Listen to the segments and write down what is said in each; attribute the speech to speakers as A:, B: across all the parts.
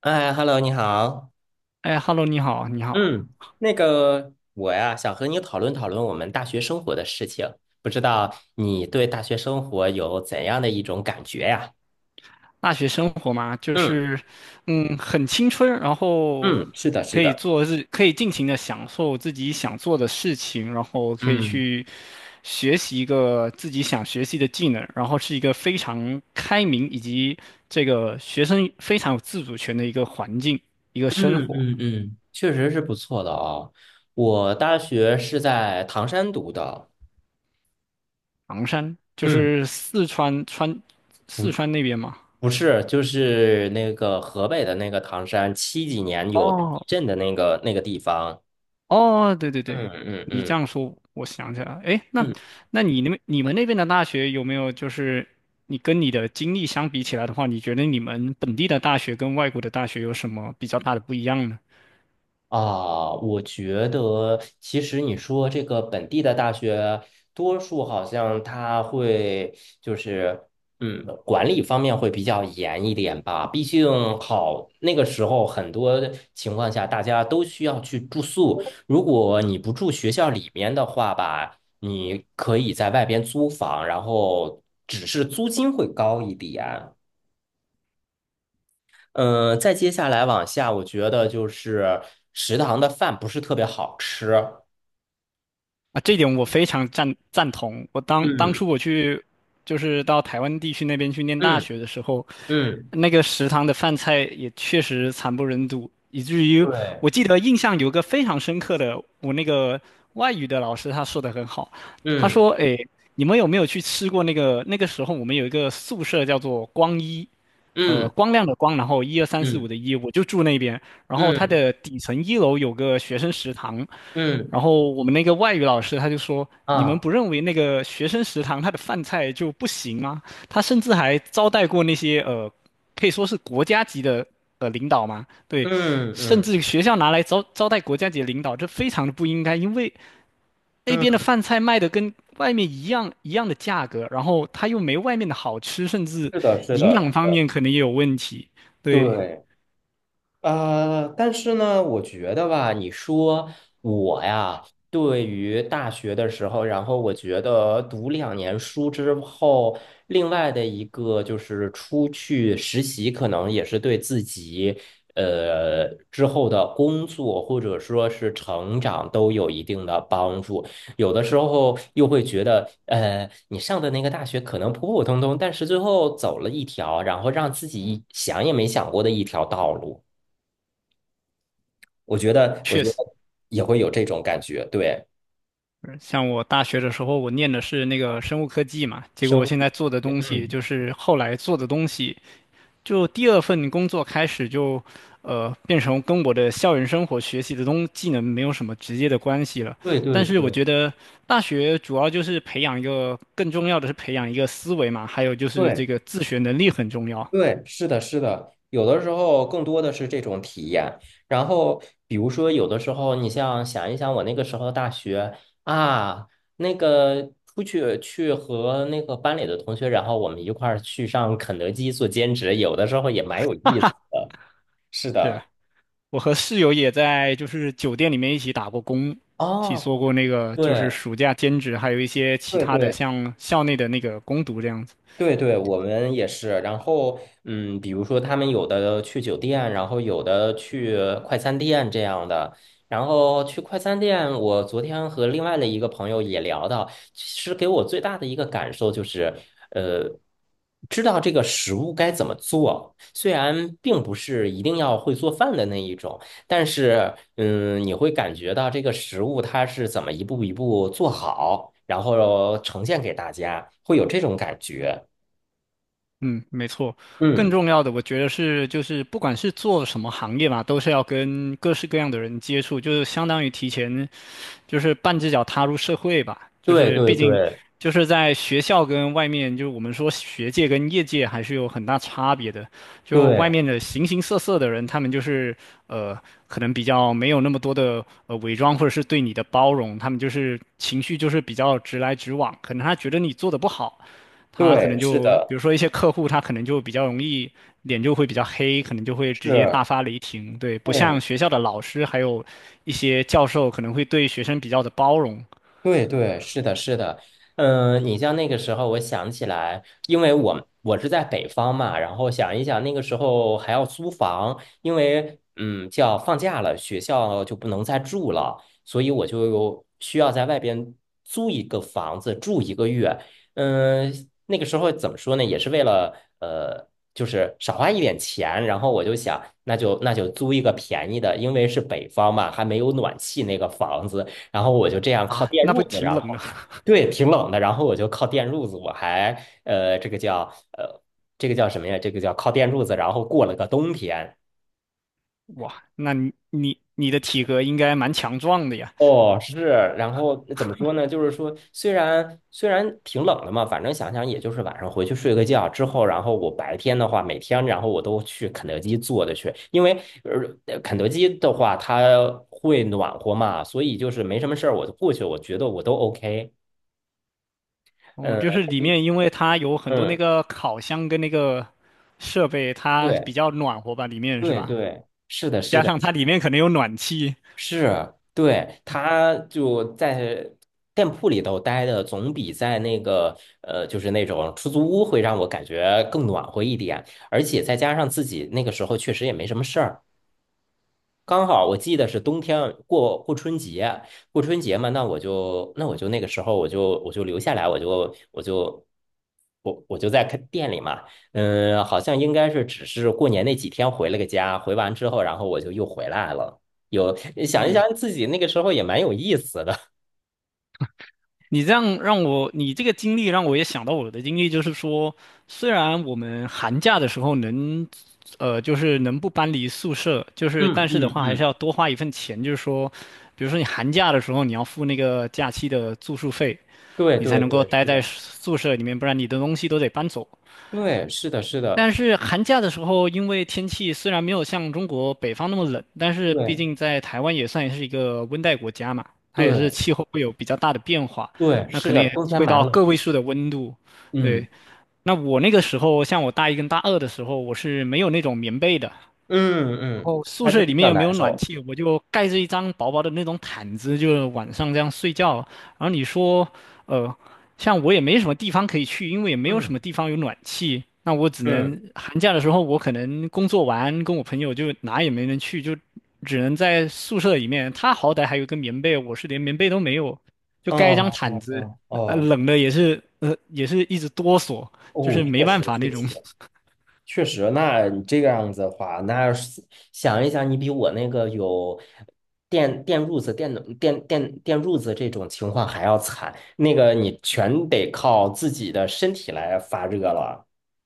A: 哎，Hello，你好。
B: 哎，Hello，你好，你好。
A: 嗯，那个我呀，想和你讨论讨论我们大学生活的事情。不知道你对大学生活有怎样的一种感觉呀？
B: 大学生活嘛，就
A: 嗯
B: 是，嗯，很青春，然后
A: 嗯，是的，是
B: 可以
A: 的。
B: 可以尽情的享受自己想做的事情，然后可以
A: 嗯
B: 去学习一个自己想学习的技能，然后是一个非常开明以及这个学生非常有自主权的一个环境，一个生
A: 嗯
B: 活。
A: 嗯嗯，确实是不错的哦。我大学是在唐山读的。
B: 昂山就
A: 嗯，
B: 是四川，四
A: 不
B: 川那边嘛。
A: 不是，就是那个河北的那个唐山，七几年有地
B: 哦，
A: 震的那个地方。
B: 哦，对对对，
A: 嗯嗯
B: 你这
A: 嗯。
B: 样说，我想起来了。哎，那你你们那边的大学有没有就是你跟你的经历相比起来的话，你觉得你们本地的大学跟外国的大学有什么比较大的不一样呢？
A: 啊，我觉得其实你说这个本地的大学，多数好像它会就是，管理方面会比较严一点吧。毕竟好，那个时候很多情况下大家都需要去住宿，如果你不住学校里面的话吧，你可以在外边租房，然后只是租金会高一点。嗯，再接下来往下，我觉得就是食堂的饭不是特别好吃。
B: 啊，这点我非常赞同。我当当
A: 嗯
B: 初我去，就是到台湾地区那边去念大
A: 嗯
B: 学的时候，
A: 嗯，
B: 那个食堂的饭菜也确实惨不忍睹，以至于
A: 对，
B: 我记得印象有个非常深刻的，我那个外语的老师他说的很好，他
A: 嗯
B: 说：“诶，你们有没有去吃过那个？那个时候我们有一个宿舍叫做光一，
A: 嗯
B: 光亮的光，然后一二三四五
A: 嗯
B: 的一，我就住那边。然后它
A: 嗯
B: 的底层一楼有个学生食堂。”
A: 嗯
B: 然后我们那个外语老师他就说：“你们
A: 啊，
B: 不认为那个学生食堂他的饭菜就不行吗？他甚至还招待过那些可以说是国家级的呃领导嘛。对，
A: 嗯
B: 甚
A: 嗯
B: 至学校拿来招待国家级的领导，这非常的不应该，因为那
A: 嗯，
B: 边的饭菜卖的跟外面一样一样的价格，然后它又没外面的好吃，甚至
A: 是的，是
B: 营养
A: 的，
B: 方面可能也有问题。对，
A: 对。但是呢，我觉得吧，你说我呀，对于大学的时候，然后我觉得读两年书之后，另外的一个就是出去实习，可能也是对自己之后的工作或者说是成长都有一定的帮助。有的时候又会觉得，你上的那个大学可能普普通通，但是最后走了一条，然后让自己想也没想过的一条道路。我觉得，我
B: 确
A: 觉得
B: 实。”
A: 也会有这种感觉，对，
B: 像我大学的时候，我念的是那个生物科技嘛，结果
A: 生
B: 我现
A: 物，
B: 在做的东西
A: 嗯，
B: 就是后来做的东西，就第二份工作开始就，变成跟我的校园生活学习的东技能没有什么直接的关系了。
A: 对对
B: 但是我
A: 对
B: 觉得大学主要就是培养一个，更重要的是培养一个思维嘛，还有就是
A: 对
B: 这个自学能力很重要。
A: 对，是的，是的，有的时候更多的是这种体验。然后，比如说，有的时候你像想一想，我那个时候大学啊，那个出去去和那个班里的同学，然后我们一块儿去上肯德基做兼职，有的时候也蛮有意思的。是
B: 是。
A: 的，
B: 我和室友也在就是酒店里面一起打过工，一起
A: 哦，
B: 做过那个就是
A: 对
B: 暑假兼职，还有一些其
A: 对
B: 他的
A: 对。
B: 像校内的那个攻读这样子。
A: 对对，我们也是。然后，嗯，比如说他们有的去酒店，然后有的去快餐店这样的。然后去快餐店，我昨天和另外的一个朋友也聊到，其实给我最大的一个感受就是，呃，知道这个食物该怎么做。虽然并不是一定要会做饭的那一种，但是，嗯，你会感觉到这个食物它是怎么一步一步做好，然后呈现给大家，会有这种感觉。
B: 嗯，没错。更
A: 嗯，
B: 重要的，我觉得是就是不管是做什么行业吧，都是要跟各式各样的人接触，就是相当于提前就是半只脚踏入社会吧，就
A: 对
B: 是
A: 对
B: 毕竟
A: 对
B: 就是在学校跟外面，就是我们说学界跟业界还是有很大差别的。就外
A: 对
B: 面的形形色色的人，他们就是呃，可能比较没有那么多的呃伪装，或者是对你的包容，他们就是情绪就是比较直来直往，可能他觉得你做的不好。他可
A: 对，
B: 能
A: 是
B: 就比
A: 的，
B: 如说一些客户，他可能就比较容易脸就会比较黑，可能就会直接
A: 是，
B: 大发雷霆。对，不像
A: 对，
B: 学校的老师，还有一些教授可能会对学生比较的包容
A: 对对，是的，是的，嗯，你像那个时候，我想起来，因为我是在北方嘛，然后想一想那个时候还要租房，因为嗯，叫放假了，学校就不能再住了，所以我就需要在外边租一个房子住一个月。嗯，那个时候怎么说呢，也是为了呃，就是少花一点钱，然后我就想，那就租一个便宜的，因为是北方嘛，还没有暖气那个房子。然后我就这样靠
B: 啊，
A: 电
B: 那不
A: 褥子，
B: 挺
A: 然
B: 冷
A: 后
B: 的？
A: 对，挺冷的，然后我就靠电褥子，我还呃，这个叫呃，这个叫什么呀？这个叫靠电褥子，然后过了个冬天。
B: 哇，那你的体格应该蛮强壮的呀。
A: 哦，是，然后怎么说呢？就是说，虽然挺冷的嘛，反正想想也就是晚上回去睡个觉之后，然后我白天的话，每天然后我都去肯德基坐着去，因为肯德基的话它会暖和嘛，所以就是没什么事儿我就过去，我觉得我都 OK。
B: 哦，
A: 嗯
B: 就是里面因为它有很多那
A: 嗯，
B: 个烤箱跟那个设备，它
A: 对。
B: 比较暖和吧，里面是
A: 对
B: 吧？
A: 对，是的，是
B: 加
A: 的，
B: 上它里面可能有暖气，
A: 是，对，他就在店铺里头待的，总比在那个就是那种出租屋会让我感觉更暖和一点，而且再加上自己那个时候确实也没什么事儿，刚好我记得是冬天过春节，过春节嘛，那我就那个时候我就留下来，我就在开店里嘛，嗯，好像应该是只是过年那几天回了个家，回完之后，然后我就又回来了。有想一
B: 嗯。
A: 想自己那个时候也蛮有意思的，
B: 你这样让我，你这个经历让我也想到我的经历，就是说，虽然我们寒假的时候能，就是能不搬离宿舍，就 是
A: 嗯
B: 但是的
A: 嗯
B: 话还是
A: 嗯，
B: 要多花一份钱，就是说，比如说你寒假的时候你要付那个假期的住宿费，
A: 对
B: 你才
A: 对
B: 能够
A: 对，
B: 待
A: 是
B: 在
A: 的，
B: 宿舍里面，不然你的东西都得搬走。
A: 对是的是的，
B: 但是寒假的时候，因为天气虽然没有像中国北方那么冷，但是毕
A: 对
B: 竟在台湾也算是一个温带国家嘛，它也是
A: 对
B: 气候会有比较大的变化，
A: 对，
B: 那
A: 是
B: 可能
A: 的，
B: 也
A: 冬天
B: 会
A: 蛮
B: 到
A: 冷
B: 个
A: 的，
B: 位数的温度。对，
A: 嗯
B: 那我那个时候，像我大一跟大二的时候，我是没有那种棉被的，
A: 嗯
B: 然
A: 嗯，
B: 后宿
A: 还是
B: 舍里
A: 比
B: 面
A: 较
B: 又没有
A: 难
B: 暖
A: 受，
B: 气，我就盖着一张薄薄的那种毯子，就晚上这样睡觉。然后你说，呃，像我也没什么地方可以去，因为也没有什么
A: 嗯
B: 地方有暖气，那我只
A: 嗯。
B: 能寒假的时候，我可能工作完跟我朋友就哪也没能去，就只能在宿舍里面。他好歹还有个棉被，我是连棉被都没有，就盖一张
A: 哦
B: 毯
A: 哦
B: 子，
A: 哦哦，
B: 冷的也是，也是一直哆嗦，就
A: 哦，
B: 是没
A: 确实
B: 办法
A: 确
B: 那种。
A: 实确实，那你这个样子的话，那是想一想，你比我那个有电电褥子、电暖电电电褥子这种情况还要惨，那个你全得靠自己的身体来发热了。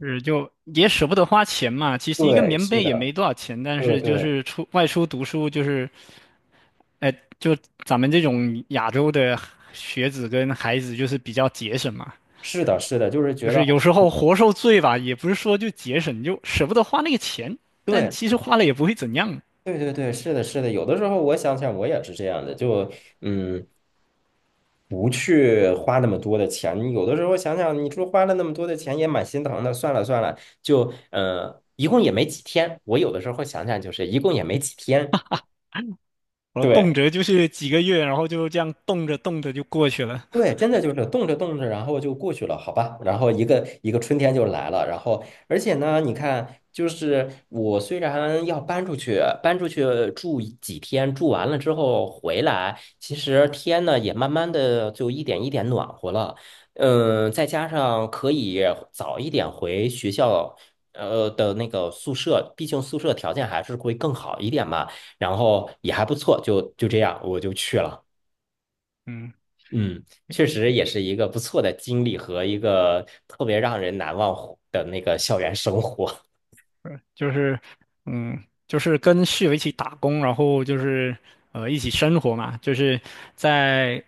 B: 是，就也舍不得花钱嘛。其实一个
A: 对，
B: 棉
A: 是
B: 被也
A: 的，
B: 没多少钱，但
A: 对
B: 是就
A: 对，
B: 是出外出读书，就是，哎、就咱们这种亚洲的学子跟孩子，就是比较节省嘛。
A: 是的，是的，就是
B: 就
A: 觉得，
B: 是有时候活受罪吧，也不是说就节省，就舍不得花那个钱，但
A: 对
B: 其实花了也不会怎样。
A: 对对对，是的，是的，有的时候我想想，我也是这样的，就嗯。不去花那么多的钱。你有的时候想想，你说花了那么多的钱也蛮心疼的。算了算了，就一共也没几天。我有的时候想想，就是一共也没几天。
B: 我动
A: 对，
B: 辄就是几个月，然后就这样动着动着就过去了。
A: 对，真的就是动着动着，然后就过去了，好吧？然后一个一个春天就来了，然后而且呢，你看，就是我虽然要搬出去，住一几天，住完了之后回来，其实天呢也慢慢的就一点一点暖和了，嗯，再加上可以早一点回学校。那个宿舍，毕竟宿舍条件还是会更好一点嘛，然后也还不错，就这样，我就去了。
B: 嗯。
A: 嗯，确实也是一个不错的经历和一个特别让人难忘的那个校园生活。
B: 就是，嗯，就是跟室友一起打工，然后就是一起生活嘛，就是在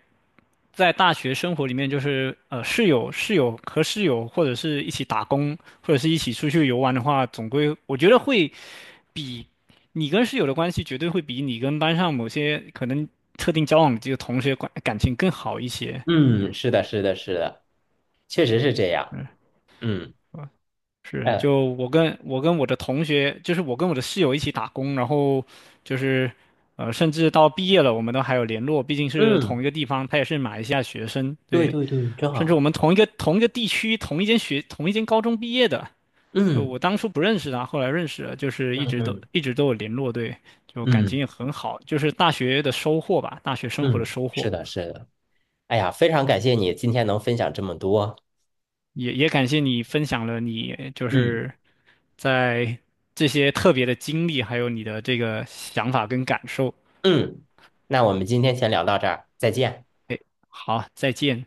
B: 在大学生活里面，就是呃室友和室友或者是一起打工，或者是一起出去游玩的话，总归我觉得会比你跟室友的关系绝对会比你跟班上某些可能特定交往的这个同学关感情更好一些。
A: 嗯，是的，是的，是的，确实是这样。
B: 嗯。
A: 嗯，
B: 是，
A: 哎，
B: 就我跟我的同学，就是我跟我的室友一起打工，然后就是，甚至到毕业了，我们都还有联络，毕竟是
A: 嗯，
B: 同一个地方，他也是马来西亚学生，
A: 对
B: 对，
A: 对对，真
B: 甚至我
A: 好。
B: 们同一个地区、同一间学、同一间高中毕业的，就
A: 嗯
B: 我当初不认识他，后来认识了，就是
A: 嗯
B: 一直都
A: 嗯
B: 一直都有联络，对，就感
A: 嗯
B: 情也很好，就是大学的收获吧，大学生活的
A: 嗯，
B: 收获。
A: 是的，是的。哎呀，非常感谢你今天能分享这么多。
B: 也感谢你分享了你就
A: 嗯
B: 是在这些特别的经历，还有你的这个想法跟感受。
A: 嗯，那我们今天先聊到这儿，再见。
B: 好，再见。